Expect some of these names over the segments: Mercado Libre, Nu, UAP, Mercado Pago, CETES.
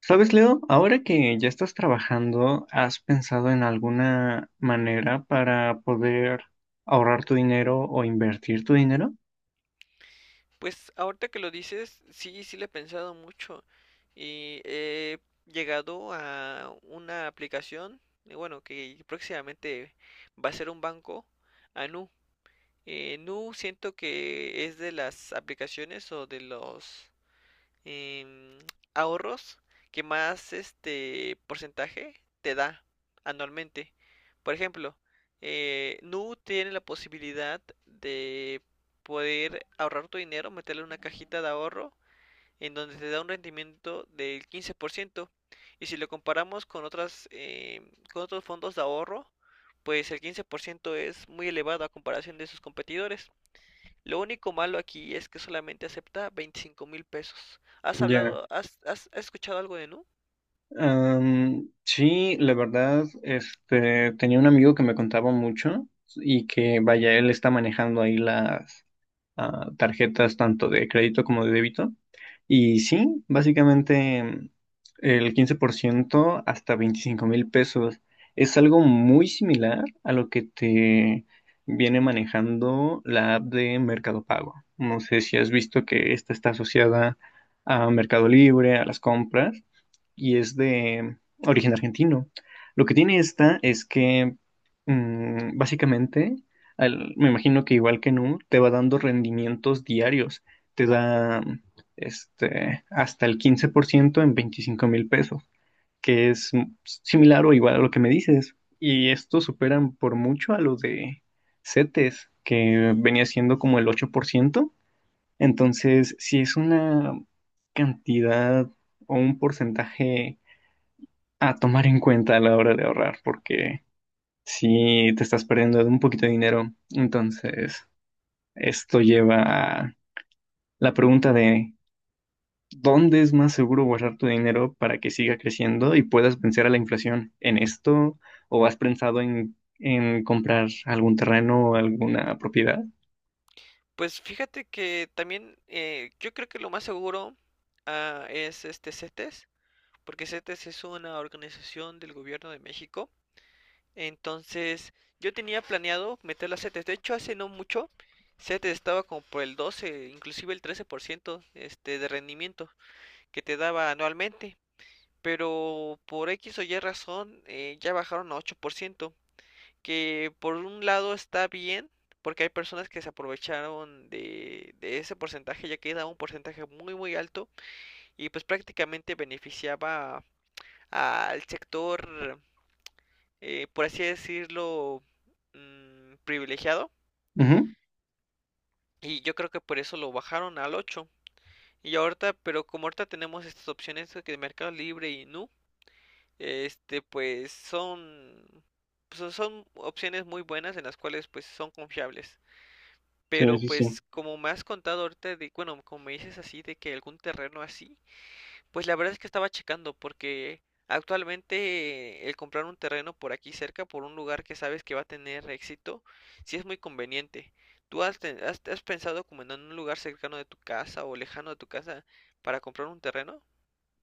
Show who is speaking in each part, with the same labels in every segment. Speaker 1: ¿Sabes, Leo? Ahora que ya estás trabajando, ¿has pensado en alguna manera para poder ahorrar tu dinero o invertir tu dinero?
Speaker 2: Pues ahorita que lo dices, sí, sí le he pensado mucho y he llegado a una aplicación, bueno, que próximamente va a ser un banco, a Nu. Nu siento que es de las aplicaciones o de los em, ahorros que más este porcentaje te da anualmente. Por ejemplo, Nu tiene la posibilidad de poder ahorrar tu dinero, meterle en una cajita de ahorro en donde te da un rendimiento del 15%. Y si lo comparamos con con otros fondos de ahorro, pues el 15% es muy elevado a comparación de sus competidores. Lo único malo aquí es que solamente acepta 25 mil pesos. ¿Has
Speaker 1: Ya.
Speaker 2: hablado, has, has, has escuchado algo de Nu?
Speaker 1: Sí, la verdad, este, tenía un amigo que me contaba mucho y que, vaya, él está manejando ahí las tarjetas tanto de crédito como de débito. Y sí, básicamente el 15% hasta 25,000 pesos es algo muy similar a lo que te viene manejando la app de Mercado Pago. No sé si has visto que esta está asociada a Mercado Libre, a las compras, y es de origen argentino. Lo que tiene esta es que básicamente, me imagino que igual que Nu, te va dando rendimientos diarios. Te da este, hasta el 15% en 25,000 pesos, que es similar o igual a lo que me dices. Y estos superan por mucho a los de CETES, que venía siendo como el 8%. Entonces, si es una cantidad o un porcentaje a tomar en cuenta a la hora de ahorrar, porque si te estás perdiendo de un poquito de dinero, entonces esto lleva a la pregunta de ¿dónde es más seguro guardar tu dinero para que siga creciendo y puedas vencer a la inflación? ¿En esto? ¿O has pensado en comprar algún terreno o alguna propiedad?
Speaker 2: Pues fíjate que también yo creo que lo más seguro es este CETES, porque CETES es una organización del gobierno de México. Entonces yo tenía planeado meter a CETES. De hecho, hace no mucho CETES estaba como por el 12, inclusive el 13% de rendimiento que te daba anualmente. Pero por X o Y razón ya bajaron a 8%, que por un lado está bien, porque hay personas que se aprovecharon de ese porcentaje, ya que daba un porcentaje muy muy alto y pues prácticamente beneficiaba al sector, por así decirlo, privilegiado.
Speaker 1: Ujú.
Speaker 2: Y yo creo que por eso lo bajaron al 8. Y ahorita, pero como ahorita tenemos estas opciones de Mercado Libre y Nu, pues son opciones muy buenas en las cuales pues son confiables.
Speaker 1: Sí,
Speaker 2: Pero
Speaker 1: sí, sí.
Speaker 2: pues como me has contado ahorita de, bueno, como me dices así de que algún terreno así, pues la verdad es que estaba checando porque actualmente el comprar un terreno por aquí cerca, por un lugar que sabes que va a tener éxito, sí es muy conveniente. ¿Tú has pensado como en un lugar cercano de tu casa o lejano de tu casa para comprar un terreno?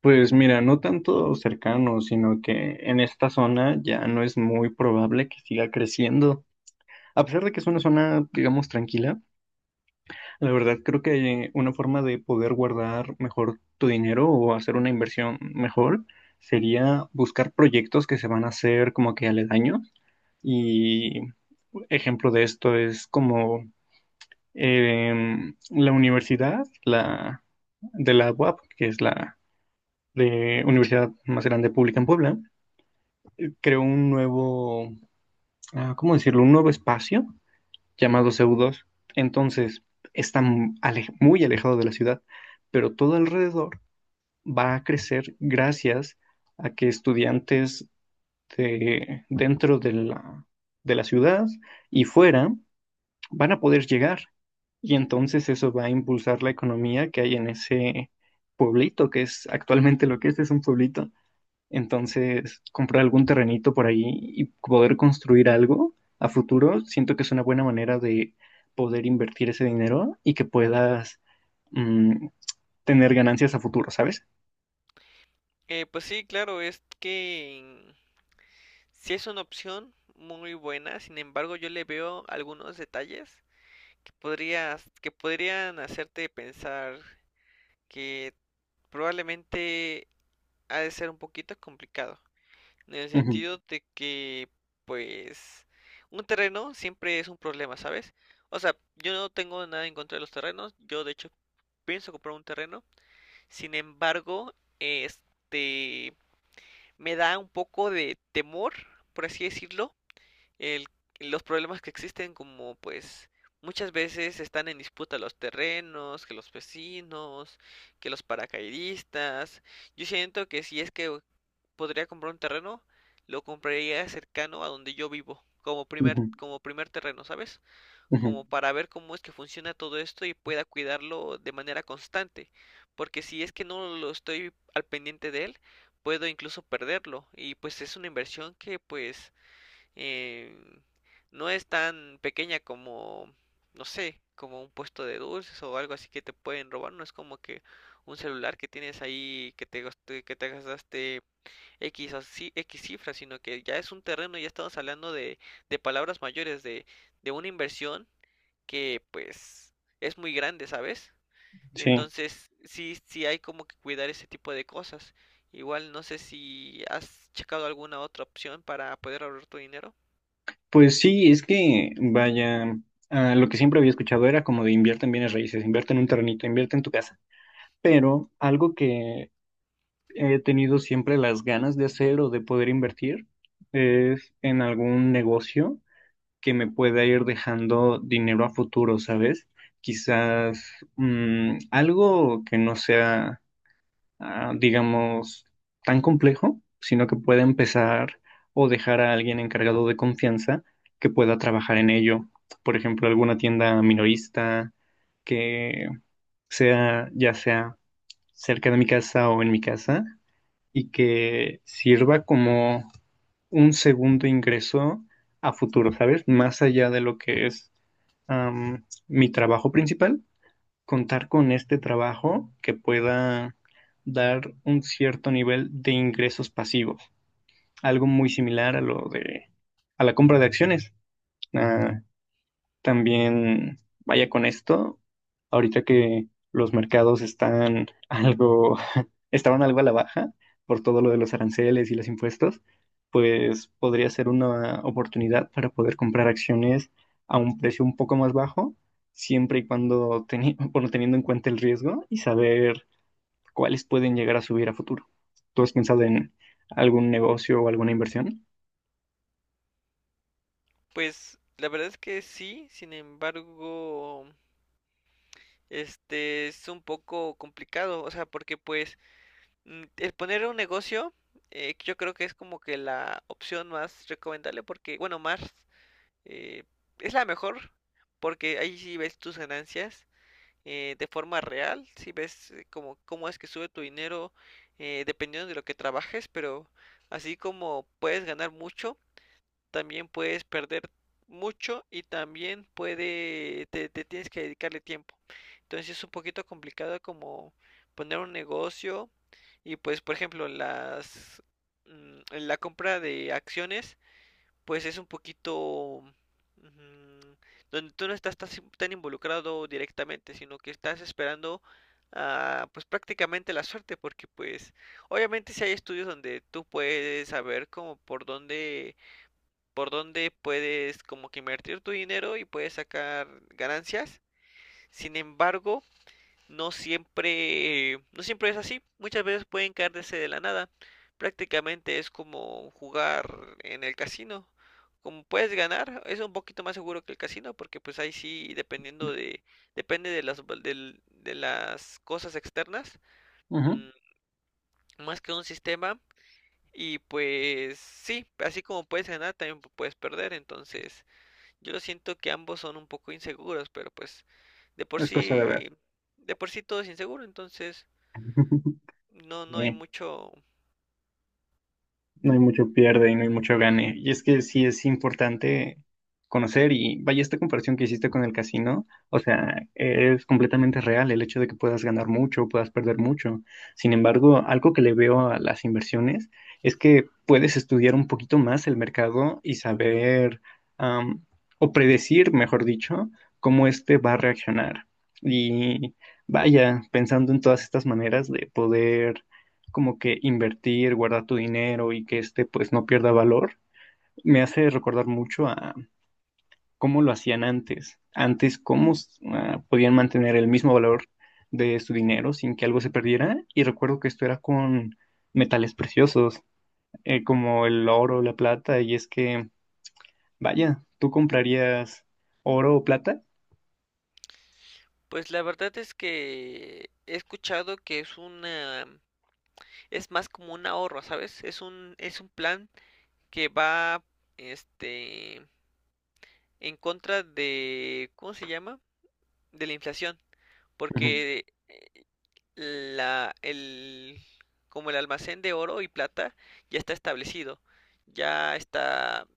Speaker 1: Pues mira, no tanto cercano, sino que en esta zona ya no es muy probable que siga creciendo. A pesar de que es una zona, digamos, tranquila. La verdad, creo que una forma de poder guardar mejor tu dinero o hacer una inversión mejor sería buscar proyectos que se van a hacer como que aledaños. Y ejemplo de esto es como la universidad, la de la UAP, que es la de universidad más grande pública en Puebla, creó un nuevo, ¿cómo decirlo? Un nuevo espacio llamados feudos. Entonces, está muy alejado de la ciudad, pero todo alrededor va a crecer gracias a que estudiantes dentro de la ciudad y fuera van a poder llegar. Y entonces eso va a impulsar la economía que hay en ese pueblito, que es actualmente lo que es un pueblito. Entonces, comprar algún terrenito por ahí y poder construir algo a futuro, siento que es una buena manera de poder invertir ese dinero y que puedas mm, tener ganancias a futuro, ¿sabes?
Speaker 2: Pues sí, claro, es que sí es una opción muy buena, sin embargo yo le veo algunos detalles que podrías, que podrían hacerte pensar que probablemente ha de ser un poquito complicado, en el
Speaker 1: Ujú,
Speaker 2: sentido de que, pues, un terreno siempre es un problema, ¿sabes? O sea, yo no tengo nada en contra de los terrenos, yo de hecho pienso comprar un terreno, sin embargo, este, me da un poco de temor, por así decirlo, el- los problemas que existen como pues muchas veces están en disputa los terrenos, que los vecinos, que los paracaidistas. Yo siento que si es que podría comprar un terreno, lo compraría cercano a donde yo vivo, como primer,
Speaker 1: ujú,
Speaker 2: como primer terreno, ¿sabes?
Speaker 1: ujú.
Speaker 2: Como para ver cómo es que funciona todo esto y pueda cuidarlo de manera constante. Porque si es que no lo estoy al pendiente de él, puedo incluso perderlo. Y pues es una inversión que pues eh, no es tan pequeña como, no sé, como un puesto de dulces o algo así que te pueden robar, no es como que un celular que tienes ahí que te gastaste X o X cifras, sino que ya es un terreno, ya estamos hablando de palabras mayores, de una inversión que pues es muy grande, ¿sabes?
Speaker 1: Sí,
Speaker 2: Entonces, sí, sí hay como que cuidar ese tipo de cosas. Igual no sé si has checado alguna otra opción para poder ahorrar tu dinero.
Speaker 1: pues sí, es que, vaya, lo que siempre había escuchado era como de invierte en bienes raíces, invierte en un terrenito, invierte en tu casa. Pero algo que he tenido siempre las ganas de hacer o de poder invertir es en algún negocio que me pueda ir dejando dinero a futuro, ¿sabes? Quizás algo que no sea, digamos, tan complejo, sino que pueda empezar o dejar a alguien encargado de confianza que pueda trabajar en ello. Por ejemplo, alguna tienda minorista que sea, ya sea cerca de mi casa o en mi casa, y que sirva como un segundo ingreso a futuro, ¿sabes? Más allá de lo que es mi trabajo principal, contar con este trabajo que pueda dar un cierto nivel de ingresos pasivos, algo muy similar a lo de a la compra de acciones. Ah, También vaya con esto, ahorita que los mercados están algo estaban algo a la baja por todo lo de los aranceles y los impuestos, pues podría ser una oportunidad para poder comprar acciones a un precio un poco más bajo, siempre y cuando bueno, teniendo en cuenta el riesgo y saber cuáles pueden llegar a subir a futuro. ¿Tú has pensado en algún negocio o alguna inversión?
Speaker 2: Pues la verdad es que sí, sin embargo, este es un poco complicado, o sea, porque pues el poner un negocio, yo creo que es como que la opción más recomendable, porque, bueno, más eh, es la mejor, porque ahí sí ves tus ganancias de forma real, sí ves como cómo es que sube tu dinero dependiendo de lo que trabajes, pero así como puedes ganar mucho también puedes perder mucho y también te tienes que dedicarle tiempo. Entonces es un poquito complicado como poner un negocio y pues por ejemplo la compra de acciones pues es un poquito mm, donde tú no estás tan, si, tan involucrado directamente, sino que estás esperando pues prácticamente la suerte porque pues obviamente si hay estudios donde tú puedes saber como por donde puedes como que invertir tu dinero y puedes sacar ganancias. Sin embargo, no siempre, no siempre es así. Muchas veces pueden caerse de la nada. Prácticamente es como jugar en el casino. Como puedes ganar, es un poquito más seguro que el casino porque pues ahí sí dependiendo de depende de las cosas externas,
Speaker 1: Ujú.
Speaker 2: mm, más que un sistema y pues sí, así como puedes ganar también puedes perder, entonces yo siento que ambos son un poco inseguros, pero pues de por
Speaker 1: Es cosa de ver.
Speaker 2: sí, de por sí todo es inseguro, entonces no, no hay
Speaker 1: Sí.
Speaker 2: mucho.
Speaker 1: No hay mucho pierde y no hay mucho gane. Y es que sí es importante conocer y vaya esta comparación que hiciste con el casino, o sea, es completamente real el hecho de que puedas ganar mucho, puedas perder mucho. Sin embargo, algo que le veo a las inversiones es que puedes estudiar un poquito más el mercado y saber am, o predecir, mejor dicho, cómo este va a reaccionar. Y vaya, pensando en todas estas maneras de poder como que invertir, guardar tu dinero y que este pues no pierda valor, me hace recordar mucho a cómo lo hacían antes. Antes, cómo podían mantener el mismo valor de su dinero sin que algo se perdiera. Y recuerdo que esto era con metales preciosos, como el oro, la plata, y es que, vaya, ¿tú comprarías oro o plata?
Speaker 2: Pues la verdad es que he escuchado que es es más como un ahorro, ¿sabes? Es un plan que va, este, en contra de, ¿cómo se llama? De la inflación, porque el, como el almacén de oro y plata ya está establecido. Ya está,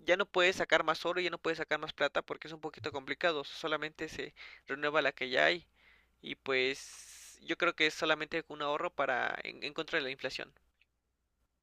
Speaker 2: ya no puedes sacar más oro, y ya no puedes sacar más plata porque es un poquito complicado. Solamente se renueva la que ya hay. Y pues yo creo que es solamente un ahorro para en contra de la inflación.